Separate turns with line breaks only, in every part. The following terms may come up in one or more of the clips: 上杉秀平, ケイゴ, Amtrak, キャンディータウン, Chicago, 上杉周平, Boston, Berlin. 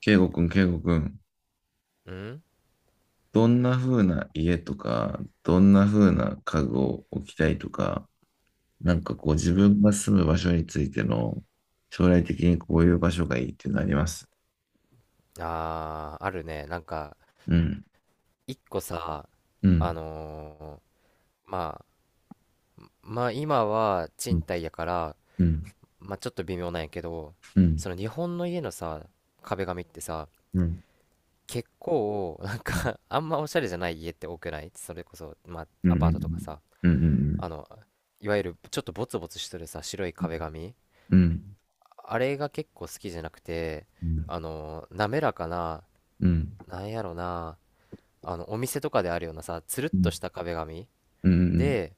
ケイゴくん、ケイゴくん、
うん
どんな風な家とか、どんな風な家具を置きたいとか、なんかこう自
うん。
分が住む場所についての将来的にこういう場所がいいっていうのあります？
ああ、あるね。なんか、
うん、
一個さ、
う
あ
ん、
のまあ、まあ今は
う
賃
ん、
貸やから、
うん、
まあちょっと微妙なんやけど、
うん、
その日本の家のさ、壁紙ってさ、
うん、
結構、あんまおしゃれじゃない家って多くない、それこそ、まあ
うん、
ア
う
パートとか
ん、
さ、
うん、
あの、いわゆるちょっとボツボツしてるさ、白い壁紙。
うん、うん、
あれが結構好きじゃなくて、
うん、
滑らかな、
うん、
なんやろな、あのお店とかであるようなさ、つるっ
う
と
ん、
した壁紙
うん、うん、
で、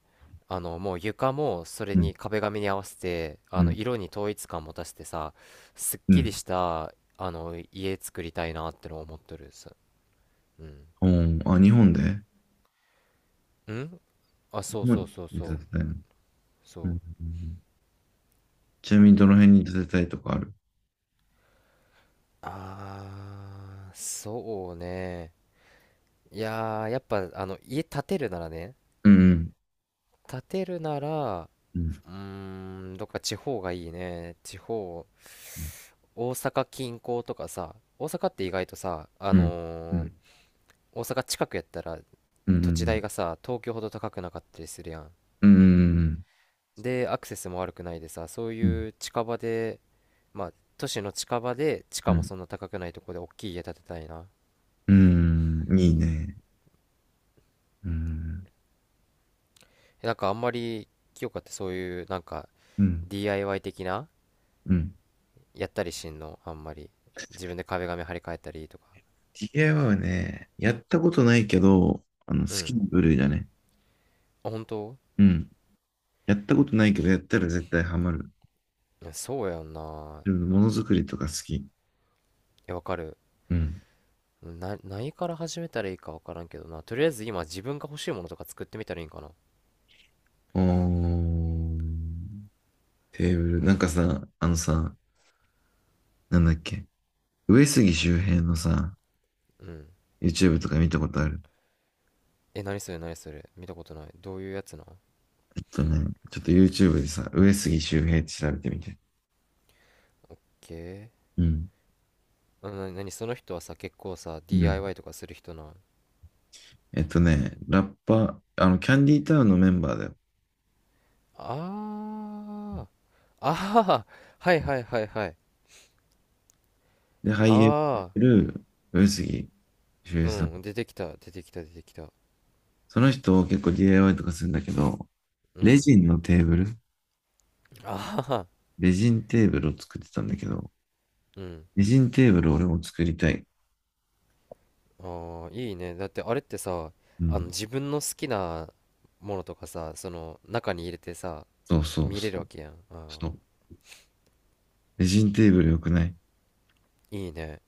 もう床もそれに壁紙に合わせて、あの
う
色に統一感持たせてさ、すっきり
ん、
したあの家作りたいなってのを思ってるさ。うん
うん、あ、日本で
うん。あ、
日
そうそ
本
うそう
で建
そう
てたいの。
そう。
ちなみにどの辺に建てたいとかある？
あーそうね。いやーやっぱ家建てるならね
うん、
建てるなら
うん、
うーどっか地方がいいね、地方。大阪近郊とかさ、大阪って意外とさ、
うん、うん、
大阪近くやったら
う
土地代
ん、
がさ、東京ほど高くなかったりするやん。
うん、うん、うん、
で、アクセスも悪くないでさ、そういう近場で、まあ、都市の近場で、地価
う
も
ん、
そんな高くないとこで大きい家建てたいな。
うん。いいね。うん、
なんかあんまり、清香ってそういう、なんか、
うん、
DIY 的な、
うん。
やったりしんのあんまり。自分で壁紙張り替えたりとか。
DIY はね、やったことないけど、あの、
う
好き
ん。
な部類だね。
あ、本当？
うん。やったことないけど、やったら絶対ハマる。
いやそうやんな。
自分ものづくりとか好き。
え、わかる。
うん。
何から始めたらいいか分からんけどな。とりあえず今自分が欲しいものとか作ってみたらいいんかな。
おー、テーブル。なんかさ、あのさ、なんだっけ。上杉周平のさ、
うん。
YouTube とか見たことある？
え、何それ、何それ、見たことない。どういうやつなん？
えっとね、ちょっと YouTube でさ、上杉周平って調べてみて。
けー。
うん。
うん、何その人はさ、結構さ、
うん。
DIY とかする人なん？
えっとね、ラッパ、あの、キャンディータウンのメンバーだよ。
あー。あー。はいはいはいはい。
で、俳優やっ
あ
てる上杉秀平さん。
ー。うん。出てきた。出てきた出てきた。
その人結構 DIY とかするんだけど、
う
レ
ん。
ジンのテーブル、
あ
レジンテーブルを作ってたんだけど、
ー。うん。
レジンテーブル俺も作りたい。
あー。いいね。だってあれってさ、
うん。
自分の好きなものとかさ、その中に入れてさ、
そうそう
見れ
そ
るわ
う。
けやん。あ
そう。レジンテーブルよくない？
ーいいね。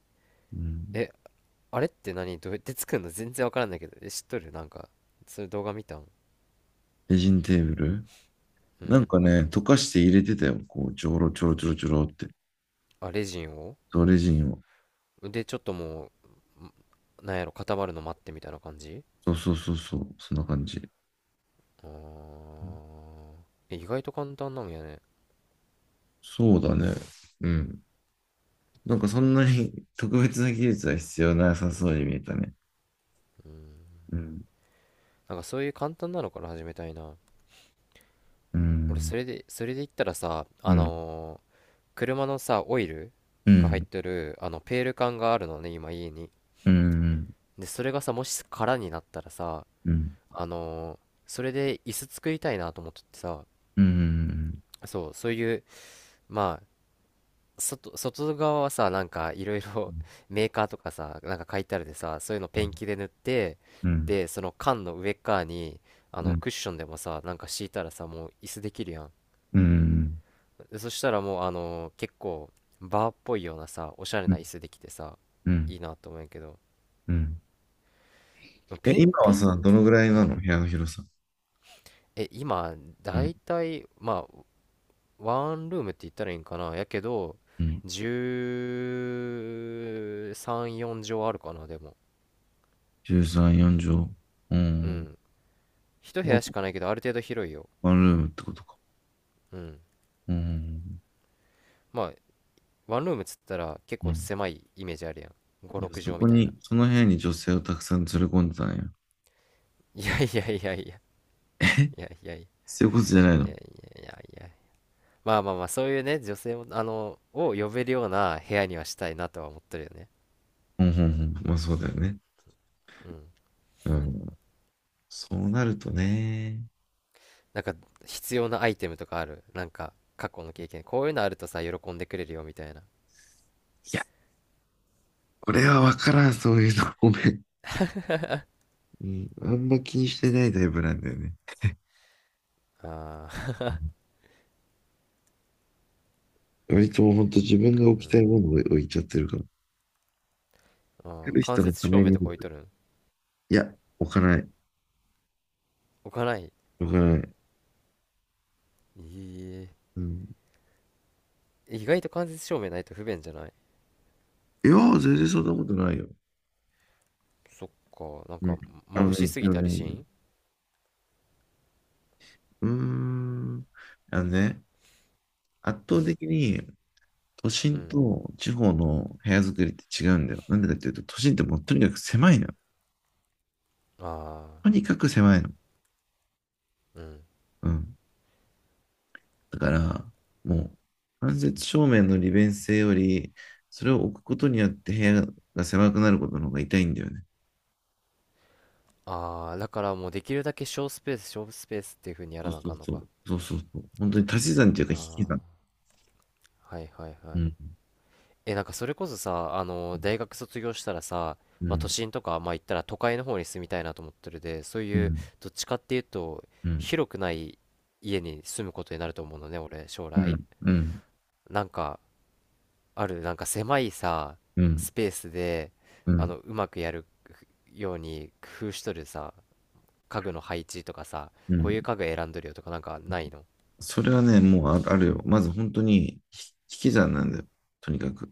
うん。
え、あれって何、どうやって作るの全然わからんだけど。え、知っとる？なんか、そういう動画見たん？
レジンテーブル
う
なん
ん。
かね、溶かして入れてたよ。こう、ちょろちょろちょろちょろって。
あ、レジンを。
そう、レジンを。
で、ちょっともう、なんやろ、固まるの待ってみたいな感じ？
そうそうそうそう。そんな感じ。
あー。え、意外と簡単なんやね。
そうだね。うん。なんかそんなに特別な技術は必要なさそうに見えたね。うん。
なんかそういう簡単なのから始めたいな。
う
俺、
ん。
それで言ったらさ、
うん。
車のさ、オイル
う
が入っ
ん。
てる、ペール缶があるのね、今家に。
うん。
で、それがさ、もし空になったらさ、
うん。
あのーそれで椅子作りたいなと思っててさ、
うん。うん。
そう、そういう、まあ、外側はさ、なんかいろいろ メーカーとかさ、なんか書いてあるでさ、そういうのペンキで塗って、
うん。うん。
で、その缶の上っ側に、
う
クッションでもさ、なんか敷いたらさ、もう椅子できるやん。
ん。
でそしたらもう、結構、バーっぽいようなさ、おしゃれな椅子できてさ、
う
い
ん。
いなと思うんやけど、
うん。え、今は
ペン
さ、ど
キ。
のぐらい
う
な
ん。
の部屋の広さ？
今、
う
だ
ん。
いたい、まあ、ワンルームって言ったらいいんかなやけど、
うん。
13、4畳あるかな、でも。
13、4畳。う
う
ん。
ん。一部屋しかないけど、ある程度広いよ。
ワンルームってことか？
うん。
うん。
まあ、ワンルームっつったら結
う
構
ん。
狭いイメージあるやん。5、
じゃあ
6
そ
畳
こ
みたい
に、
な。
その部屋に女性をたくさん連れ込んでたんや。
いやいやいやいや。いやいやいやいやいや
そういうことじゃない
いや
の？
いや。まあまあまあ、そういうね、女性も、を呼べるような部屋にはしたいなとは思ってるよね。
うん。うん。うん。まあそうだよね。
うん。
うん。そうなるとね。
なんか、必要なアイテムとかある？なんか、過去の経験。こういうのあるとさ、喜んでくれるよ、みたいな。
いや、これはわからん、そういうの。ごめん。うん。あんま気にしてないタイプなんだよね。
ああ、
うん。割ともうほんと自分が
う
置きたい
ん。
ものを置いちゃってるから。
あ
来
あ、
る
間
人の
接
た
照
め
明
に。い
とか置いとるん？
や、置かない。
置かない？
置かない。
え
うん。
え、意外と間接照明ないと不便じゃない？
いや、全然そんなことないよ。
そっか、なん
う
か、
ん。あの
眩し
ね、
すぎ
今日
たりし
ね、
ん？
うーん。あのね、圧
う
倒
ん、
的に都
う
心
ん。
と地方の部屋作りって違うんだよ。なんでかっていうと、都心ってもうとにかく狭いのよ。
ああ、
とにかく狭いの。
うん。
うん。だから、もう、間接照明の利便性より、それを置くことによって部屋が狭くなることの方が痛いんだよね。
ああ、だからもうできるだけ小スペース、小スペースっていう風にや
そ
ら
う
なあ
そう
かんの
そ
か。
う。そうそうそう。本当に足し算というか引き算。
ああ、はいはいは
う
い。
ん。
なんかそれこそさ、大学卒業したらさ、
う
まあ、都
ん。
心とか、まあ、行ったら都会の方に住みたいなと思ってるで、そう
う
いう、
ん。
どっちかっていうと、
うん。
広くない家に住むことになると思うのね、俺、将
う
来。
ん。うん。
なんか、なんか狭いさ、
うん。
スペースで、
うん。
うまくやるように工夫しとるさ、家具の配置とかさ、
う
こういう
ん。
家具選んどるよとか、なんかないの？
それはね、もうああるよ。まず本当に引き算なんだよ。とにかく。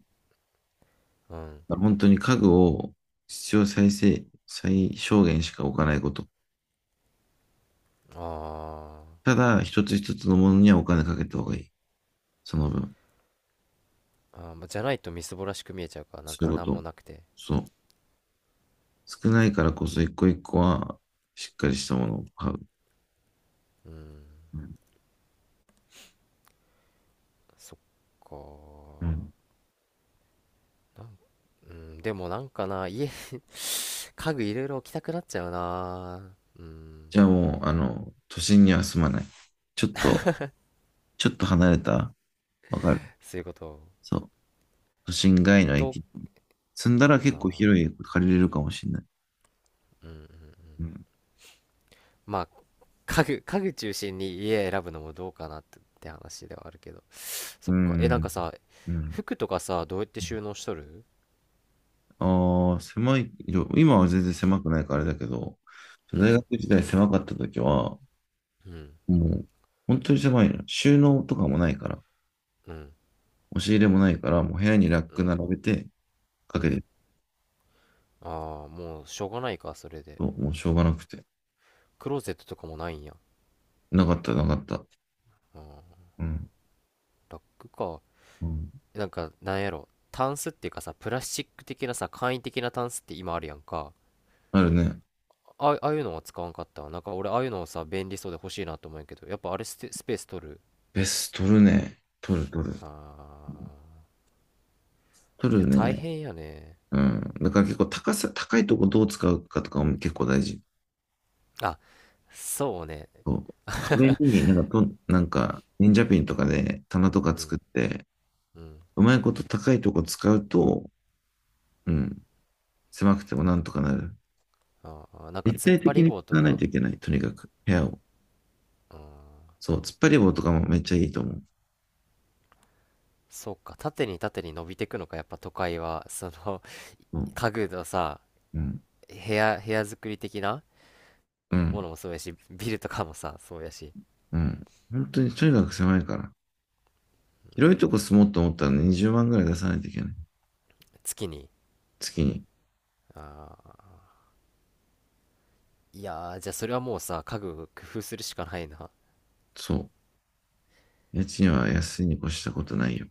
うん。
本当に家具を必要最低、最小限しか置かないこと。
あ
ただ、一つ一つのものにはお金かけた方がいい。その分。
ーあー、まあじゃないとみすぼらしく見えちゃうから、なん
そ
か、
ういうこ
なん
と。
もなくて。
そう。少ないからこそ一個一個はしっかりしたものを買う。
うん。
うん。
そっか
うん。
なんうん。でもなんかな、家具いろいろ置きたくなっちゃうな。うん。
じゃあもう、あの、都心には住まない。ちょっと、ちょっと離れた。わかる？
そういうこと、
そう。都心外の
と、
駅。住んだら結構広い
あ
駅借りれるかもしれない。
ー、うん。
うん。
まあ、家具中心に家選ぶのもどうかなって話ではあるけど。そ
う
っか。なん
ん。
かさ、
うん。
服とかさ、どうやって収納しとる？
ああ、狭い、今は全然狭くないからあれだけど、
う
大
ん
学時代狭かった時は、
うん
もう、本当に狭いの。収納とかもないから。
うん
押し入れもないから、もう部屋にラッ
う
ク
ん
並べてか
う
けて
ん。
る
ああ、もうしょうがないかそれで。
と、もうしょうがなくて。
クローゼットとかもないんや？
なかった、なかった。
ああ、
うん。
ラックか。
うん。
なんか、なんやろ、タンスっていうかさ、プラスチック的なさ簡易的なタンスって今あるやんか。
あるね。
あ、ああいうのは使わんかったわ。なんか俺ああいうのをさ便利そうで欲しいなと思うんやけどやっぱあれ、スペース取る？
ベース取るね。取る、取る。
あー、い
取
や、
る
大
ね。
変やね。
うん。だから結構高さ、高いとこどう使うかとかも結構大事。
あ、そうね。
そう。壁になんかと、なんか、忍者ピンとかで棚とか
う
作
ん
って、
うん。
うまいこと高いとこ使うと、うん、狭くてもなんとかなる。
あー、なんか
立
突っ
体
張
的
り
に使
棒と
わない
か。
といけない。とにかく、部屋を。
うん、
そう。突っ張り棒とかもめっちゃいいと思う。
そうか。縦に縦に伸びてくのか、やっぱ都会はその
そう。
家具のさ、
うん。
部屋作り的な
う
も
ん。
のもそうやし、ビルとかもさ、そうやし。
うん。本当にとにかく狭いから。広いとこ住もうと思ったら20万ぐらい出さないといけない。
月に？
月に。
あー、いやー、じゃあそれはもうさ、家具工夫するしかないな。
そう。家賃は安いに越したことないよ。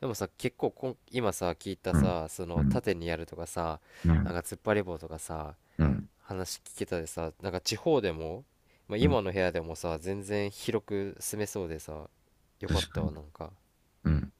でもさ、結構今さ、聞いた
うん。
さ、そ
う
の
ん。
縦にやるとかさ、
う
なん
ん。
か突っ張り棒とかさ、
うん。
話聞けたでさ、なんか地方でも、まあ、
うん。
今の部屋でもさ、全然広く住めそうでさ、よかっ
確か
た
に。
わ、なんか。
うん。